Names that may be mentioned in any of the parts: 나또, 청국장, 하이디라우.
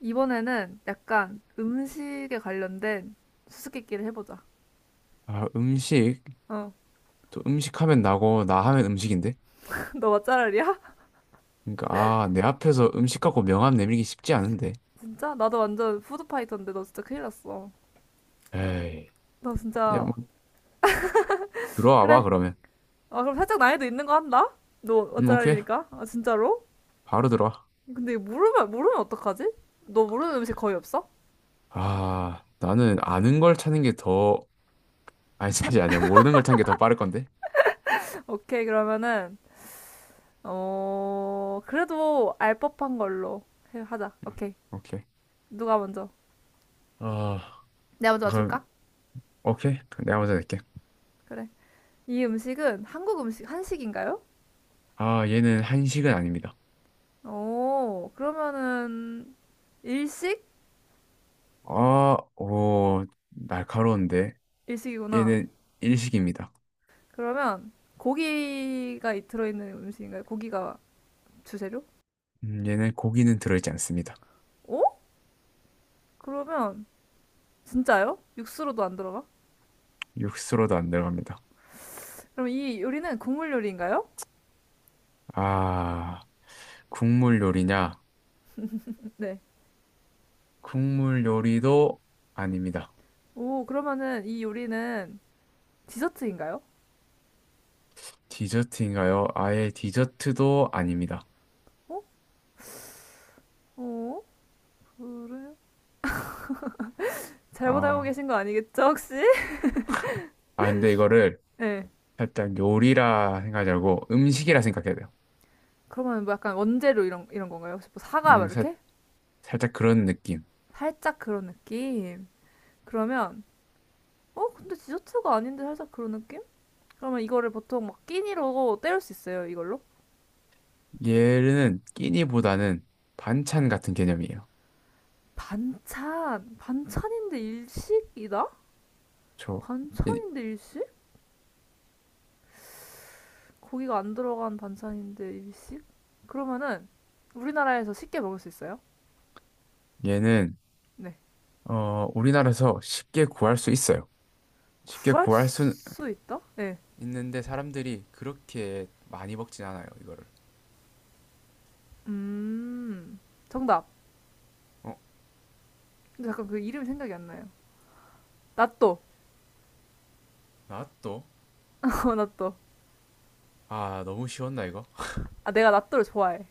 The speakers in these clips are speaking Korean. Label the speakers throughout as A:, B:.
A: 이번에는 약간 음식에 관련된 수수께끼를 해보자.
B: 아, 음식.
A: 어.
B: 또 음식 하면 나고, 나 하면 음식인데?
A: 너 맛잘알이야?
B: 그러니까, 아, 내 앞에서 음식 갖고 명함 내밀기 쉽지 않은데.
A: 진짜? 나도 완전 푸드파이터인데 너 진짜 큰일 났어.
B: 에이,
A: 너
B: 야,
A: 진짜.
B: 뭐, 들어와 봐,
A: 그래.
B: 그러면.
A: 아, 그럼 살짝 난이도 있는 거 한다? 너
B: 오케이.
A: 맛잘알이니까? 아, 진짜로?
B: 바로 들어와.
A: 근데 이거 모르면 어떡하지? 너 모르는 음식 거의 없어?
B: 아, 나는 아는 걸 찾는 게 더, 아니, 사실 아니야. 모르는 걸 찾는 게 더 빠를 건데?
A: 오케이, 그러면은, 어, 그래도 알 법한 걸로 하자. 오케이.
B: 오케이.
A: 누가 먼저?
B: 아,
A: 내가 먼저
B: 그럼,
A: 맞출까?
B: 오케이. 그럼 내가 먼저 낼게.
A: 그래. 이 음식은 한국 음식, 한식인가요?
B: 아, 얘는 한식은 아닙니다.
A: 오, 그러면은 일식?
B: 아, 오, 날카로운데.
A: 일식이구나.
B: 얘는 일식입니다.
A: 그러면 고기가 들어있는 음식인가요? 고기가 주재료?
B: 얘는 고기는 들어있지 않습니다.
A: 오? 그러면 진짜요? 육수로도 안 들어가?
B: 육수로도 안 들어갑니다.
A: 그럼 이 요리는 국물 요리인가요?
B: 아, 국물 요리냐?
A: 네.
B: 국물 요리도 아닙니다.
A: 오, 그러면은 이 요리는 디저트인가요?
B: 디저트인가요? 아예 디저트도 아닙니다.
A: 어? 어? 그래요? 잘못 알고
B: 아,
A: 계신 거 아니겠죠, 혹시?
B: 아, 근데 이거를
A: 네.
B: 살짝 요리라 생각하지 말고 음식이라 생각해야 돼요.
A: 그러면 뭐 약간 원재료 이런 건가요? 혹시 뭐 사과 막
B: 음, 살,
A: 이렇게?
B: 살짝 그런 느낌.
A: 살짝 그런 느낌. 그러면 어, 근데 디저트가 아닌데 살짝 그런 느낌? 그러면 이거를 보통 막 끼니로 때울 수 있어요, 이걸로.
B: 얘는 끼니보다는 반찬 같은 개념이에요.
A: 반찬, 반찬인데 일식이다?
B: 저, 얘-
A: 반찬인데 일식? 고기가 안 들어간 반찬인데 일식? 그러면은 우리나라에서 쉽게 먹을 수 있어요?
B: 얘는,
A: 네.
B: 어, 우리나라에서 쉽게 구할 수 있어요. 쉽게
A: 구할
B: 구할 수
A: 수 있다? 네.
B: 있는데 사람들이 그렇게 많이 먹진 않아요, 이거를.
A: 음, 정답.
B: 어?
A: 근데 잠깐 그 이름이 생각이 안 나요. 나또.
B: 나또?
A: 어, 나또.
B: 아, 너무 쉬웠나 이거?
A: 아, 내가 나또를 좋아해.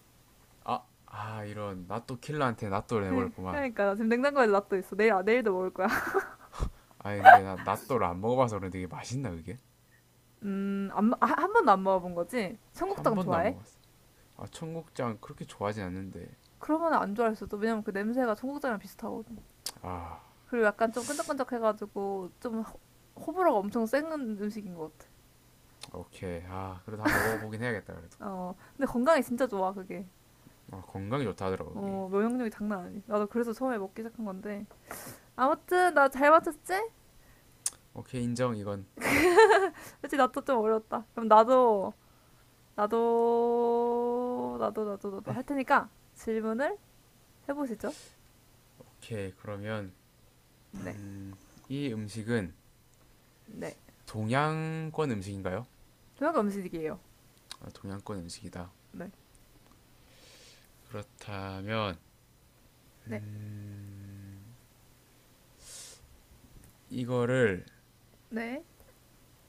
B: 아, 아 이런 나또 킬러한테 나또를
A: 그-
B: 내버렸구만.
A: 그러니까 나 지금 냉장고에 나또 있어. 내일도 먹을 거야.
B: 아 근데 나 나또를 안 먹어봐서 그런데 이게 맛있나 그게?
A: 안, 아, 한 번도 안 먹어본 거지?
B: 한
A: 청국장
B: 번도 안
A: 좋아해?
B: 먹어봤어. 아 청국장 그렇게 좋아하진 않는데.
A: 그러면 안 좋아할 수도. 왜냐면 그 냄새가 청국장이랑 비슷하거든.
B: 아
A: 그리고 약간 좀 끈적끈적해가지고 호불호가 엄청 센 음식인 것 같아.
B: 오케이, 아 그래도 한번 먹어보긴 해야겠다 그래도.
A: 어, 근데 건강에 진짜 좋아, 그게.
B: 아, 건강에 좋다 하더라고 이게.
A: 어, 면역력이 장난 아니. 나도 그래서 처음에 먹기 시작한 건데. 아무튼, 나 잘 맞췄지?
B: 오케이 인정 이건.
A: 그치, 나도 좀 어려웠다. 그럼 나도 할 테니까 질문을 해보시죠.
B: 오케이 그러면
A: 네,
B: 이 음식은
A: 네.
B: 동양권 음식인가요?
A: 동양 음식이에요.
B: 아, 동양권 음식이다.
A: 네,
B: 그렇다면
A: 네,
B: 이거를
A: 네.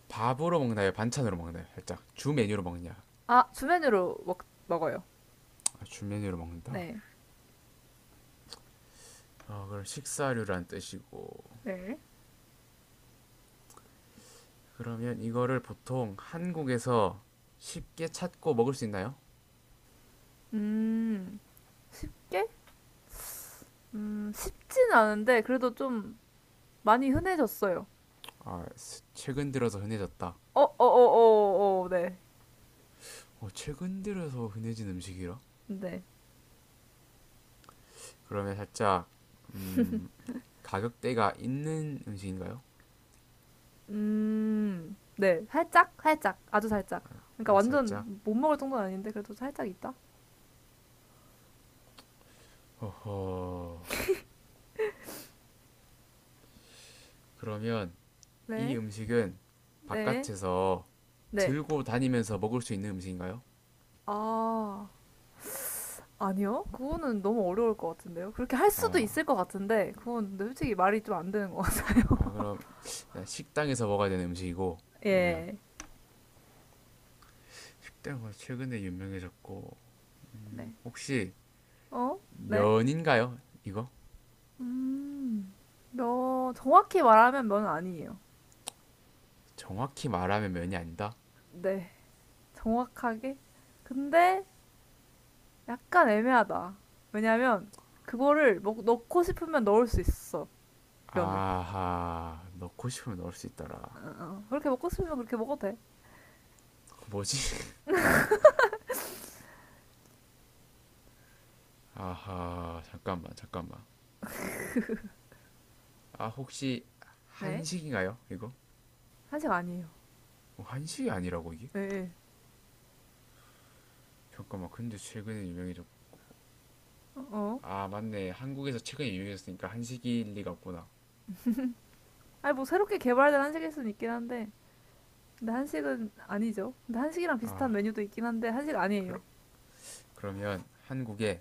B: 밥으로 먹나요? 반찬으로 먹나요? 살짝 주 메뉴로 먹냐?
A: 아, 먹어요.
B: 아, 주메뉴로 먹는다.
A: 네.
B: 어, 그럼 식사류란 뜻이고.
A: 네.
B: 그러면 이거를 보통 한국에서 쉽게 찾고 먹을 수 있나요?
A: 음, 쉽게? 쉽진 않은데, 그래도 좀 많이 흔해졌어요.
B: 아, 최근 들어서 흔해졌다.
A: 네.
B: 어, 최근 들어서 흔해진 음식이라?
A: 네.
B: 그러면 살짝, 음, 가격대가 있는 음식인가요?
A: 네. 살짝? 살짝. 아주 살짝. 그러니까
B: 아, 살짝.
A: 완전 못 먹을 정도는 아닌데, 그래도 살짝 있다?
B: 허허. 그러면 이
A: 네.
B: 음식은
A: 네.
B: 바깥에서
A: 네.
B: 들고 다니면서 먹을 수 있는 음식인가요?
A: 아, 아니요? 그거는 너무 어려울 것 같은데요? 그렇게 할 수도
B: 아,
A: 있을 것 같은데, 그건 근데 솔직히 말이 좀 안 되는 것 같아요.
B: 아 그럼 식당에서 먹어야 되는 음식이고, 그러면
A: 예.
B: 식당가 최근에 유명해졌고,
A: 네.
B: 혹시
A: 어? 네?
B: 면인가요? 이거?
A: 음, 정확히 말하면 면 아니에요.
B: 정확히 말하면 면이 아니다.
A: 네, 정확하게. 근데 약간 애매하다. 왜냐면 넣고 싶으면 넣을 수 있어, 면을.
B: 아하 넣고 싶으면 넣을 수 있더라.
A: 어. 그렇게 먹고 싶으면 그렇게 먹어도 돼.
B: 뭐지? 아하 잠깐만 잠깐만. 아 혹시
A: 네,
B: 한식인가요? 이거?
A: 한식 아니에요.
B: 어, 한식이 아니라고 이게?
A: 예.
B: 잠깐만 근데 최근에 유명해졌고,
A: 어.
B: 아 맞네, 한국에서 최근에 유명해졌으니까 한식일 리가 없구나.
A: 아니, 뭐 새롭게 개발된 한식일 수는 있긴 한데. 근데 한식은 아니죠. 근데 한식이랑 비슷한 메뉴도 있긴 한데, 한식
B: 그러,
A: 아니에요.
B: 그러면 한국에,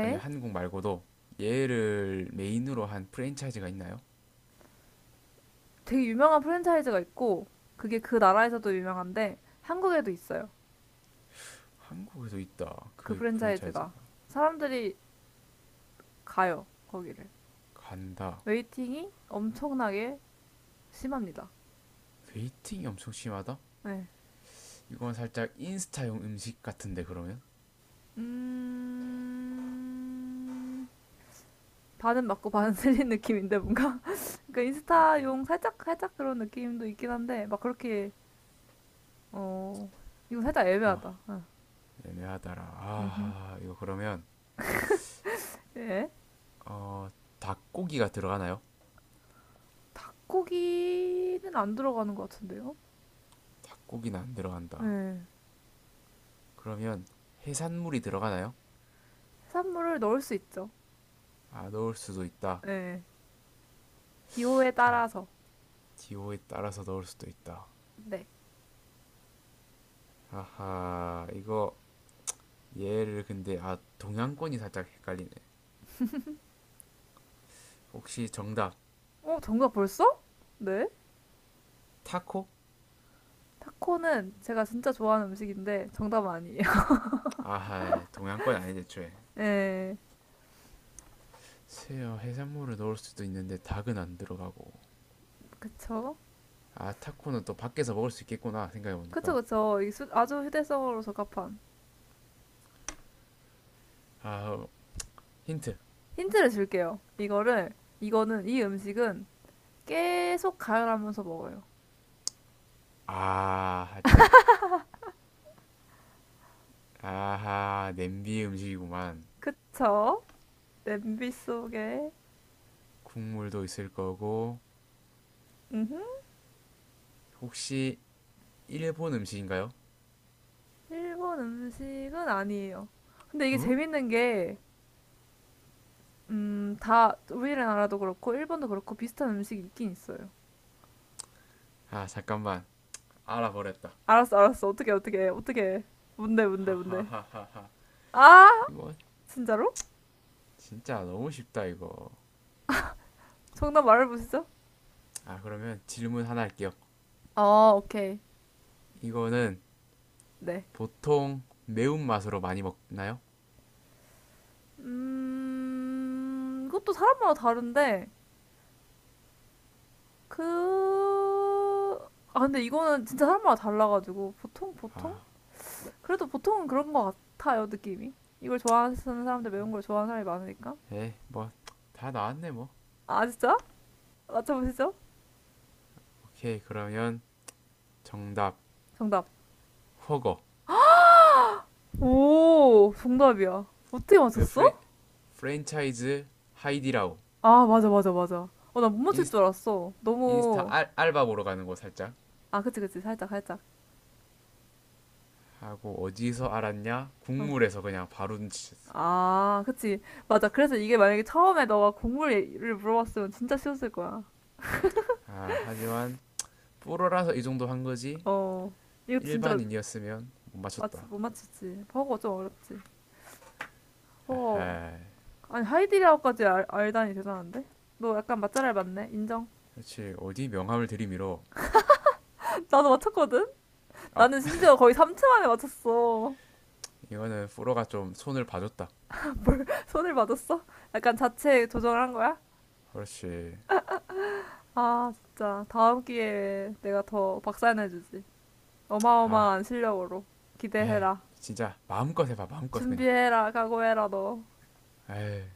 B: 아니 한국 말고도 얘를 메인으로 한 프랜차이즈가 있나요?
A: 되게 유명한 프랜차이즈가 있고, 그게 그 나라에서도 유명한데, 한국에도 있어요.
B: 한국에도 있다.
A: 그
B: 그 프랜차이즈가
A: 프랜차이즈가 사람들이 가요 거기를
B: 간다.
A: 웨이팅이 엄청나게 심합니다.
B: 웨이팅이 엄청 심하다.
A: 네.
B: 이건 살짝 인스타용 음식 같은데 그러면.
A: 음... 반은 맞고 반은 틀린 느낌인데 뭔가 그러니까 인스타용 살짝 그런 느낌도 있긴 한데 막 그렇게 어 이거 살짝
B: 아
A: 애매하다. 어.
B: 애매하다라.
A: 음흠.
B: 아 이거 그러면
A: 예.
B: 어 닭고기가 들어가나요?
A: 고기는 안 들어가는 것 같은데요.
B: 닭고기는 안 들어간다.
A: 네.
B: 그러면 해산물이 들어가나요?
A: 해산물을 넣을 수 있죠.
B: 아 넣을 수도 있다.
A: 네. 기호에
B: 참,
A: 따라서.
B: 기호에 따라서 넣을 수도 있다.
A: 네.
B: 아하 이거 얘를 근데 아 동양권이 살짝 헷갈리네. 혹시 정답
A: 어 정답 벌써? 네.
B: 타코?
A: 타코는 제가 진짜 좋아하는 음식인데 정답은 아니에요.
B: 아하 동양권 아니지 애초에.
A: 네,
B: 새어 해산물을 넣을 수도 있는데 닭은 안 들어가고.
A: 그쵸?
B: 아 타코는 또 밖에서 먹을 수 있겠구나 생각해보니까.
A: 그쵸. 아주 휴대성으로 적합한.
B: 아 어, 힌트.
A: 힌트를 줄게요. 이거는, 이 음식은 계속 가열하면서 먹어요.
B: 아 살짝 아하 냄비 음식이구만.
A: 그쵸? 냄비 속에.
B: 국물도 있을 거고
A: 음흠.
B: 혹시 일본 음식인가요?
A: 일본 음식은 아니에요. 근데 이게
B: 응?
A: 재밌는 게, 우리나라도 그렇고, 일본도 그렇고, 비슷한 음식이 있긴 있어요.
B: 아 잠깐만 알아버렸다.
A: 알았어. 어떻게. 뭔데.
B: 하하하하하
A: 아!
B: 이거
A: 진짜로?
B: 진짜 너무 쉽다 이거.
A: 정답 말해보시죠.
B: 아 그러면 질문 하나 할게요.
A: 아, 오케이.
B: 이거는
A: 네.
B: 보통 매운맛으로 많이 먹나요?
A: 이것도 사람마다 다른데, 그, 근데 이거는 진짜 사람마다 달라가지고, 보통?
B: 아
A: 그래도 보통은 그런 것 같아요, 느낌이. 이걸 좋아하는 사람들, 매운 걸 좋아하는 사람이 많으니까.
B: 에이 뭐 다 나왔네 뭐.
A: 아, 진짜? 맞춰보시죠.
B: 오케이 그러면 정답.
A: 정답.
B: 허거.
A: 오, 정답이야. 어떻게
B: 이거
A: 맞췄어?
B: 프레 프랜차이즈 하이디라우.
A: 아, 맞아. 어, 나 못 맞힐
B: 인스,
A: 줄 알았어.
B: 인스타
A: 너무,
B: 알바 보러 가는 거 살짝
A: 그치. 살짝.
B: 하고, 어디서 알았냐
A: 어,
B: 국물에서 그냥 바로 눈치챘어.
A: 아, 그치. 맞아. 그래서 이게 만약에 처음에 너가 곡물을 물어봤으면 진짜 쉬웠을 거야.
B: 아 하지만 프로라서 이 정도 한 거지.
A: 어, 이거 진짜
B: 일반인이었으면 못
A: 맞지,
B: 맞췄다.
A: 못 맞히지. 버거 좀 어렵지.
B: 에
A: 버거.
B: 헤
A: 아니, 알다니 대단한데? 너 약간 맛잘알 맞네. 인정.
B: 그렇지 어디 명함을 들이밀어.
A: 나도 맞췄거든?
B: 아
A: 나는 심지어 거의 3초 만에 맞췄어.
B: 이거는 프로가 좀 손을 봐줬다.
A: 손을 맞았어? 약간 자체 조정을 한 거야?
B: 그렇지.
A: 아, 진짜. 다음 기회에 내가 더 박살내주지.
B: 아
A: 어마어마한 실력으로. 기대해라.
B: 진짜 마음껏 해봐 마음껏 그냥.
A: 준비해라. 각오해라, 너.
B: 에이